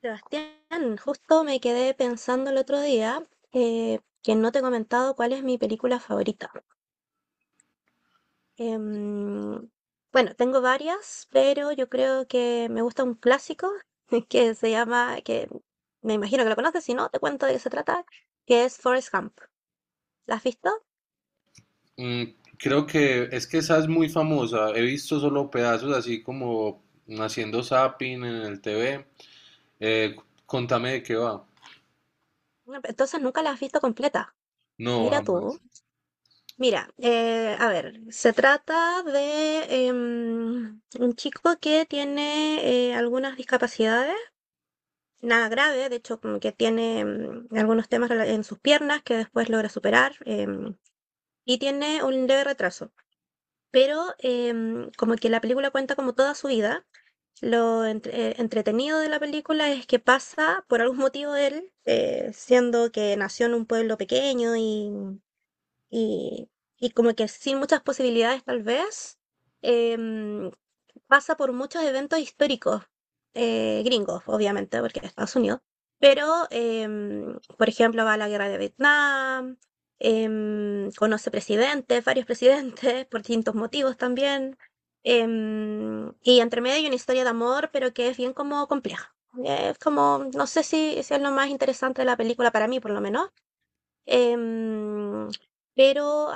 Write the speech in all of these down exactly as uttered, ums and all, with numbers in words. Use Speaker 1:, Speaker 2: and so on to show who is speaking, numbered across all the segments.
Speaker 1: Sebastián, justo me quedé pensando el otro día eh, que no te he comentado cuál es mi película favorita. Em, bueno, tengo varias, pero yo creo que me gusta un clásico que se llama, que me imagino que lo conoces, si no, te cuento de qué se trata, que es Forrest Gump. ¿La has visto?
Speaker 2: Mm, creo que es que esa es muy famosa. He visto solo pedazos así como haciendo zapping en el T V. Eh, contame de qué va.
Speaker 1: No, pero entonces nunca la has visto completa.
Speaker 2: No,
Speaker 1: Mira tú.
Speaker 2: jamás.
Speaker 1: Mira, eh, a ver, se trata de em, un chico que tiene eh, algunas discapacidades nada grave, de hecho como que tiene mm, algunos temas rela- en sus piernas que después logra superar, em, y tiene un leve retraso. Pero, em, como que la película cuenta como toda su vida, lo entre- eh, entretenido de la película es que pasa por algún motivo él, eh, siendo que nació en un pueblo pequeño y y, y como que sin muchas posibilidades tal vez, em, pasa por muchos eventos históricos, eh, gringos, obviamente, porque es Estados Unidos. Pero, em, por ejemplo, va a la guerra de Vietnam. Em, conoce presidentes, varios presidentes, por distintos motivos también. Em, y entre medio hay una historia de amor, pero que es bien como compleja. Es como, no sé si, si es lo más interesante de la película para mí, por lo menos. Em, pero,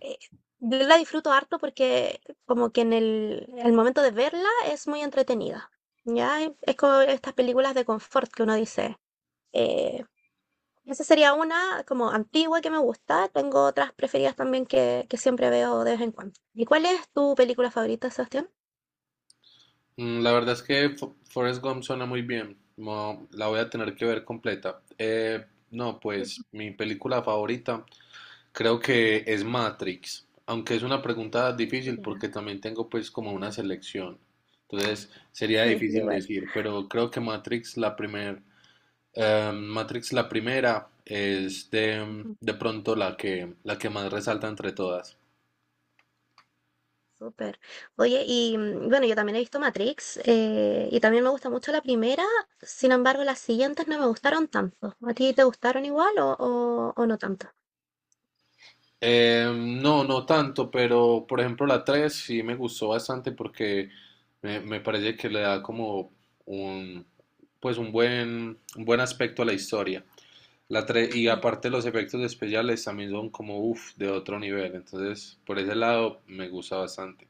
Speaker 1: eh, yo la disfruto harto porque como que en el, al momento de verla es muy entretenida, ¿ya? Es es como estas películas de confort que uno dice. eh, Esa sería una como antigua que me gusta. Tengo otras preferidas también que, que siempre veo de vez en cuando. ¿Y cuál es tu película favorita, Sebastián?
Speaker 2: Mm, la verdad es que Fo- Forrest Gump suena muy bien. No, la voy a tener que ver completa. Eh, no, pues mi película favorita creo que es Matrix. Aunque es una pregunta difícil
Speaker 1: Ya,
Speaker 2: porque también tengo pues como una selección. Entonces sería
Speaker 1: sí, yo
Speaker 2: difícil
Speaker 1: igual.
Speaker 2: decir, pero creo que Matrix la primera. Eh, Matrix, la primera, es de, de pronto la que, la que más resalta entre todas.
Speaker 1: Súper. Oye, y mm, bueno, yo también he visto Matrix, eh, y también me gusta mucho la primera, sin embargo, las siguientes no me gustaron tanto. ¿A ti te gustaron igual o, o, o no tanto?
Speaker 2: Eh, no, no tanto, pero por ejemplo la tres sí me gustó bastante porque me, me parece que le da como un, pues un buen, un buen aspecto a la historia. La tres y
Speaker 1: Ujú.
Speaker 2: aparte los efectos especiales también son como uff, de otro nivel. Entonces, por ese lado me gusta bastante.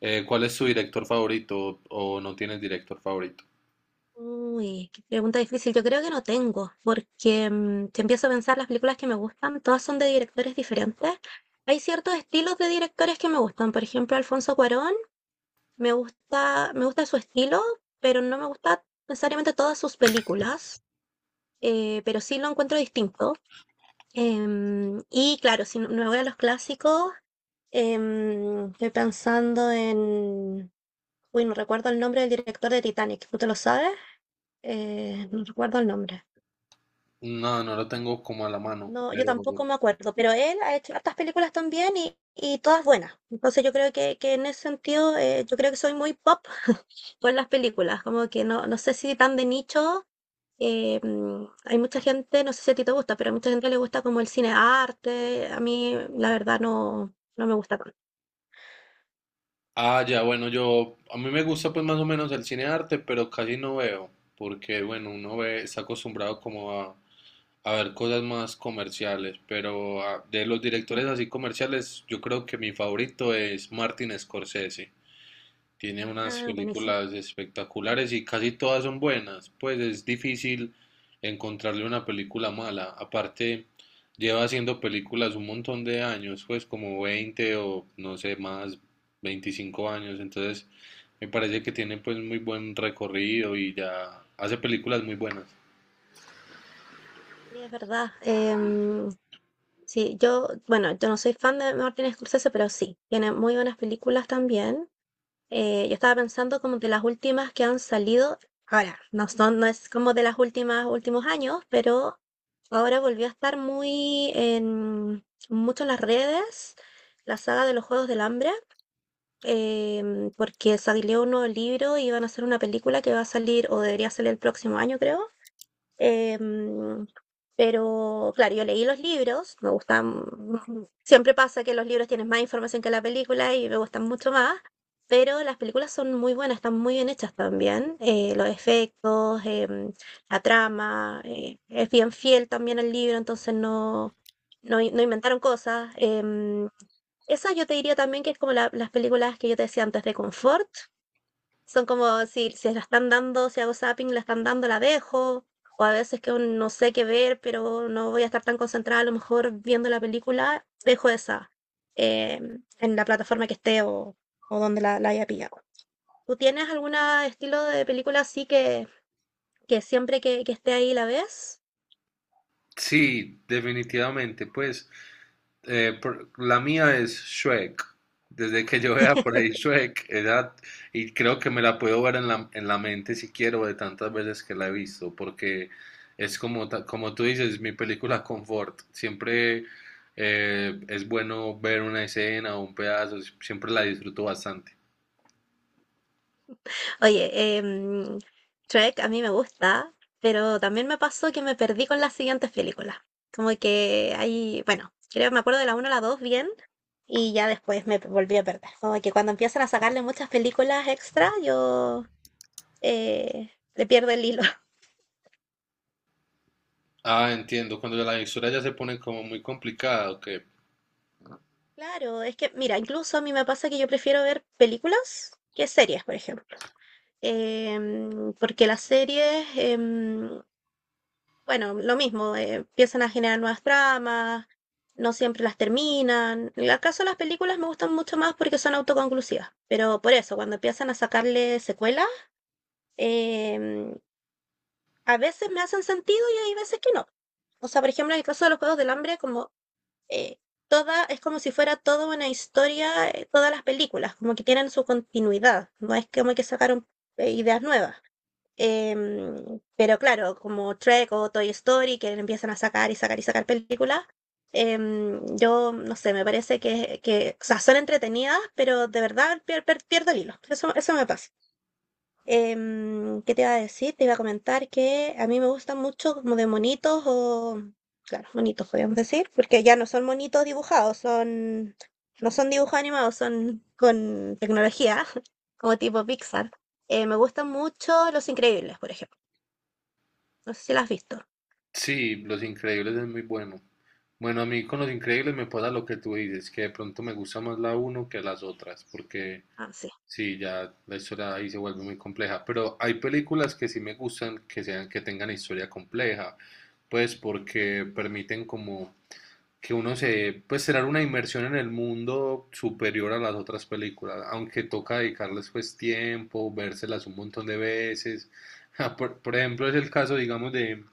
Speaker 2: Eh, ¿cuál es tu director favorito o no tienes director favorito?
Speaker 1: Uy, qué pregunta difícil. Yo creo que no tengo, porque mm, si empiezo a pensar las películas que me gustan, todas son de directores diferentes. Hay ciertos estilos de directores que me gustan. Por ejemplo, Alfonso Cuarón, me gusta, me gusta su estilo, pero no me gusta necesariamente todas sus películas, eh, pero sí lo encuentro distinto. Em, y claro, si no- me voy a los clásicos. Em, estoy pensando en... Uy, no recuerdo el nombre del director de Titanic. ¿Tú te lo sabes? Eh, no recuerdo el nombre.
Speaker 2: No, no lo tengo como a la mano,
Speaker 1: No, yo
Speaker 2: pero.
Speaker 1: tampoco me acuerdo, pero él ha hecho hartas películas también y, y todas buenas. Entonces yo creo que, que en ese sentido, eh, yo creo que soy muy pop por las películas, como que no, no sé si tan de nicho. Eh, mm, hay mucha gente, no sé si a ti te gusta, pero a mucha gente le gusta como el cine arte. A mí, la verdad, no, no me gusta tanto.
Speaker 2: Ah, ya, bueno, yo. A mí me gusta pues más o menos el cine de arte, pero casi no veo, porque bueno, uno ve, está acostumbrado como a, a ver cosas más comerciales, pero ah, de los
Speaker 1: Ujú.
Speaker 2: directores así comerciales, yo creo que mi favorito es Martin Scorsese. Tiene unas
Speaker 1: Ah, buenísimo.
Speaker 2: películas espectaculares y casi todas son buenas, pues es difícil encontrarle una película mala. Aparte, lleva haciendo películas un montón de años, pues como veinte o no sé más, veinticinco años. Entonces, me parece que tiene pues muy buen recorrido y ya hace películas muy buenas.
Speaker 1: Sí, es verdad. Em, sí, yo, bueno, yo no soy fan de Martin Scorsese, pero sí, tiene muy buenas películas también. Eh, yo estaba pensando como de las últimas que han salido. Ahora, no son, no es como de las últimas, últimos años, pero ahora volvió a estar muy en mucho en las redes la saga de los Juegos del Hambre, em, porque salió un nuevo libro y van a hacer una película que va a salir, o debería salir el próximo año, creo. Em, pero claro, yo leí los libros, me gustan. Siempre pasa que los libros tienen más información que la película y me gustan mucho más, pero las películas son muy buenas, están muy bien hechas también, eh, los efectos, em, la trama, eh, es bien fiel también al libro, entonces no, no, in- no inventaron cosas. Em, esa yo te diría también que es como la- las películas que yo te decía antes de confort, son como si si la están dando, si hago zapping, la están dando, la dejo, o a veces que un no sé qué ver, pero no voy a estar tan concentrada, a lo mejor viendo la película, dejo esa, em, en la plataforma que esté o, o donde la, la haya pillado. ¿Tú tienes algún estilo de película así que, que siempre que, que esté ahí la ves?
Speaker 2: Sí, definitivamente, pues. Eh, por- la mía es Shrek. Desde que yo vea por ahí Shrek, era- y creo que me la puedo ver en la, en la mente si quiero, de tantas veces que la he visto, porque es como, ta- como tú dices, mi película confort. Siempre eh, es bueno ver una escena o un pedazo, siempre la disfruto bastante.
Speaker 1: Oye, em, Shrek a mí me gusta, pero también me pasó que me perdí con las siguientes películas. Como que hay, bueno, creo me acuerdo de la una a la dos bien y ya después me volví a perder. Como que cuando empiezan a sacarle muchas películas extra, yo, eh, le pierdo el hilo.
Speaker 2: Ah, entiendo, cuando la historia ya se pone como muy complicada, ok.
Speaker 1: Claro, es que, mira, incluso a mí me pasa que yo prefiero ver películas que series, por ejemplo. Em, porque las series, em, bueno, lo mismo, eh, empiezan a generar nuevas tramas, no siempre las terminan. En el caso de las películas me gustan mucho más porque son autoconclusivas, pero por eso, cuando empiezan a sacarle secuelas, em, a veces me hacen sentido y hay veces que no. O sea, por ejemplo, en el caso de los Juegos del Hambre, como eh, toda, es como si fuera toda una historia, eh, todas las películas, como que tienen su continuidad, no es como que sacaron eh, ideas nuevas. Em, pero claro, como Trek o Toy Story, que empiezan a sacar y sacar y sacar películas, em, yo no sé, me parece que, que, o sea, son entretenidas, pero de verdad pier- pier- pierdo el hilo. Eso, eso me pasa. Em, ¿qué te iba a decir? Te iba a comentar que a mí me gustan mucho como de monitos o, claro, monitos podríamos decir, porque ya no son monitos dibujados, son, no son dibujos animados, son con tecnología, como tipo Pixar. Eh, me gustan mucho Los Increíbles, por ejemplo. No sé si la has visto.
Speaker 2: Sí, Los Increíbles es muy bueno. Bueno, a mí con Los Increíbles me pasa lo que tú dices, que de pronto me gusta más la uno que las otras, porque
Speaker 1: Ah, sí.
Speaker 2: sí, ya la historia ahí se vuelve muy compleja. Pero hay películas que sí me gustan que sean, que tengan historia compleja, pues porque permiten como que uno se, pues será una inmersión en el mundo superior a las otras películas, aunque toca dedicarles pues tiempo, vérselas un montón de veces. Por, por ejemplo, es el caso, digamos, de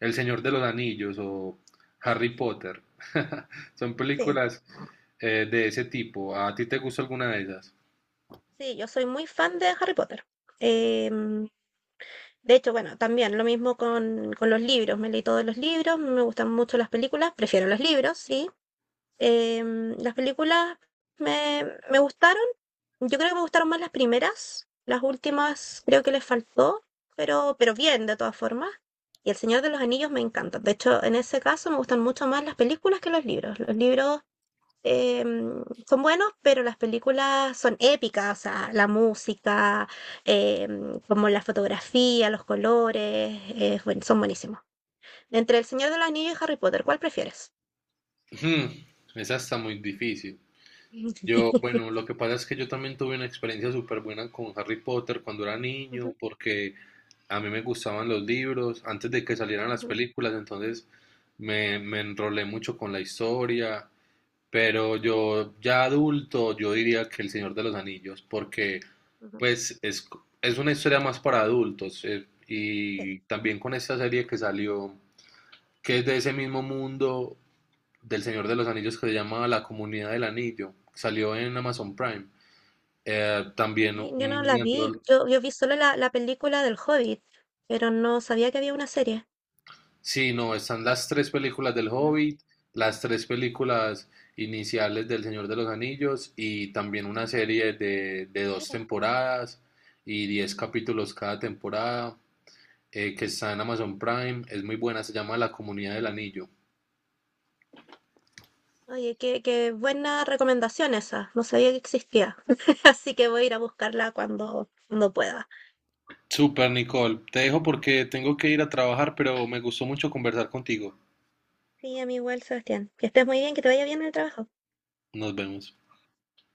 Speaker 2: el Señor de los Anillos o
Speaker 1: Sí,
Speaker 2: Harry Potter. Son
Speaker 1: sí,
Speaker 2: películas eh, de ese tipo. ¿A ti te gusta alguna de esas?
Speaker 1: sí, yo soy muy fan de Harry Potter. Em, de hecho, bueno, también lo mismo con, con los libros. Me leí todos los libros, me gustan mucho las películas, prefiero los libros, sí. Em, las películas me, me gustaron. Yo creo que me gustaron más las primeras. Las últimas creo que les faltó, pero, pero bien, de todas formas. Y El Señor de los Anillos me encanta. De hecho, en ese caso me gustan mucho más las películas que los libros. Los libros, em, son buenos, pero las películas son épicas, o sea, la música, em, como la fotografía, los colores, eh, bueno, son buenísimos. Entre El Señor de los Anillos y Harry Potter, ¿cuál prefieres?
Speaker 2: Hmm, esa está muy difícil. Yo, bueno, lo que pasa es que yo también tuve una experiencia súper buena con Harry Potter cuando era niño,
Speaker 1: Ujú,
Speaker 2: porque a mí me gustaban los libros antes de que salieran las
Speaker 1: ujú,
Speaker 2: películas, entonces me, me enrolé mucho con la historia. Pero yo ya adulto, yo diría que El Señor de los Anillos, porque
Speaker 1: ujú,
Speaker 2: pues es, es una historia más para adultos. eh,
Speaker 1: sí.
Speaker 2: y también con esta serie que salió, que es de ese mismo mundo del Señor de los Anillos que se llama La Comunidad del Anillo, salió en Amazon Prime. eh, también
Speaker 1: Ay, yo no la
Speaker 2: me
Speaker 1: vi,
Speaker 2: enrolé.
Speaker 1: yo, yo vi solo la, la película del Hobbit, pero no sabía que había una serie.
Speaker 2: Sí, no, están las tres películas del
Speaker 1: Ah,
Speaker 2: Hobbit, las tres películas iniciales del Señor de los Anillos y también una serie de, de dos
Speaker 1: mira.
Speaker 2: temporadas y diez capítulos cada temporada eh, que está en Amazon Prime. Es muy buena, se llama La Comunidad del Anillo.
Speaker 1: Oye, qué, qué buena recomendación esa, no sabía que existía, así que voy a ir a buscarla cuando, cuando pueda.
Speaker 2: Super, Nicole. Te dejo porque tengo que ir a trabajar, pero me gustó mucho conversar contigo.
Speaker 1: Sí, a mí igual, Sebastián. Que estés muy bien, que te vaya bien en el trabajo.
Speaker 2: Nos vemos.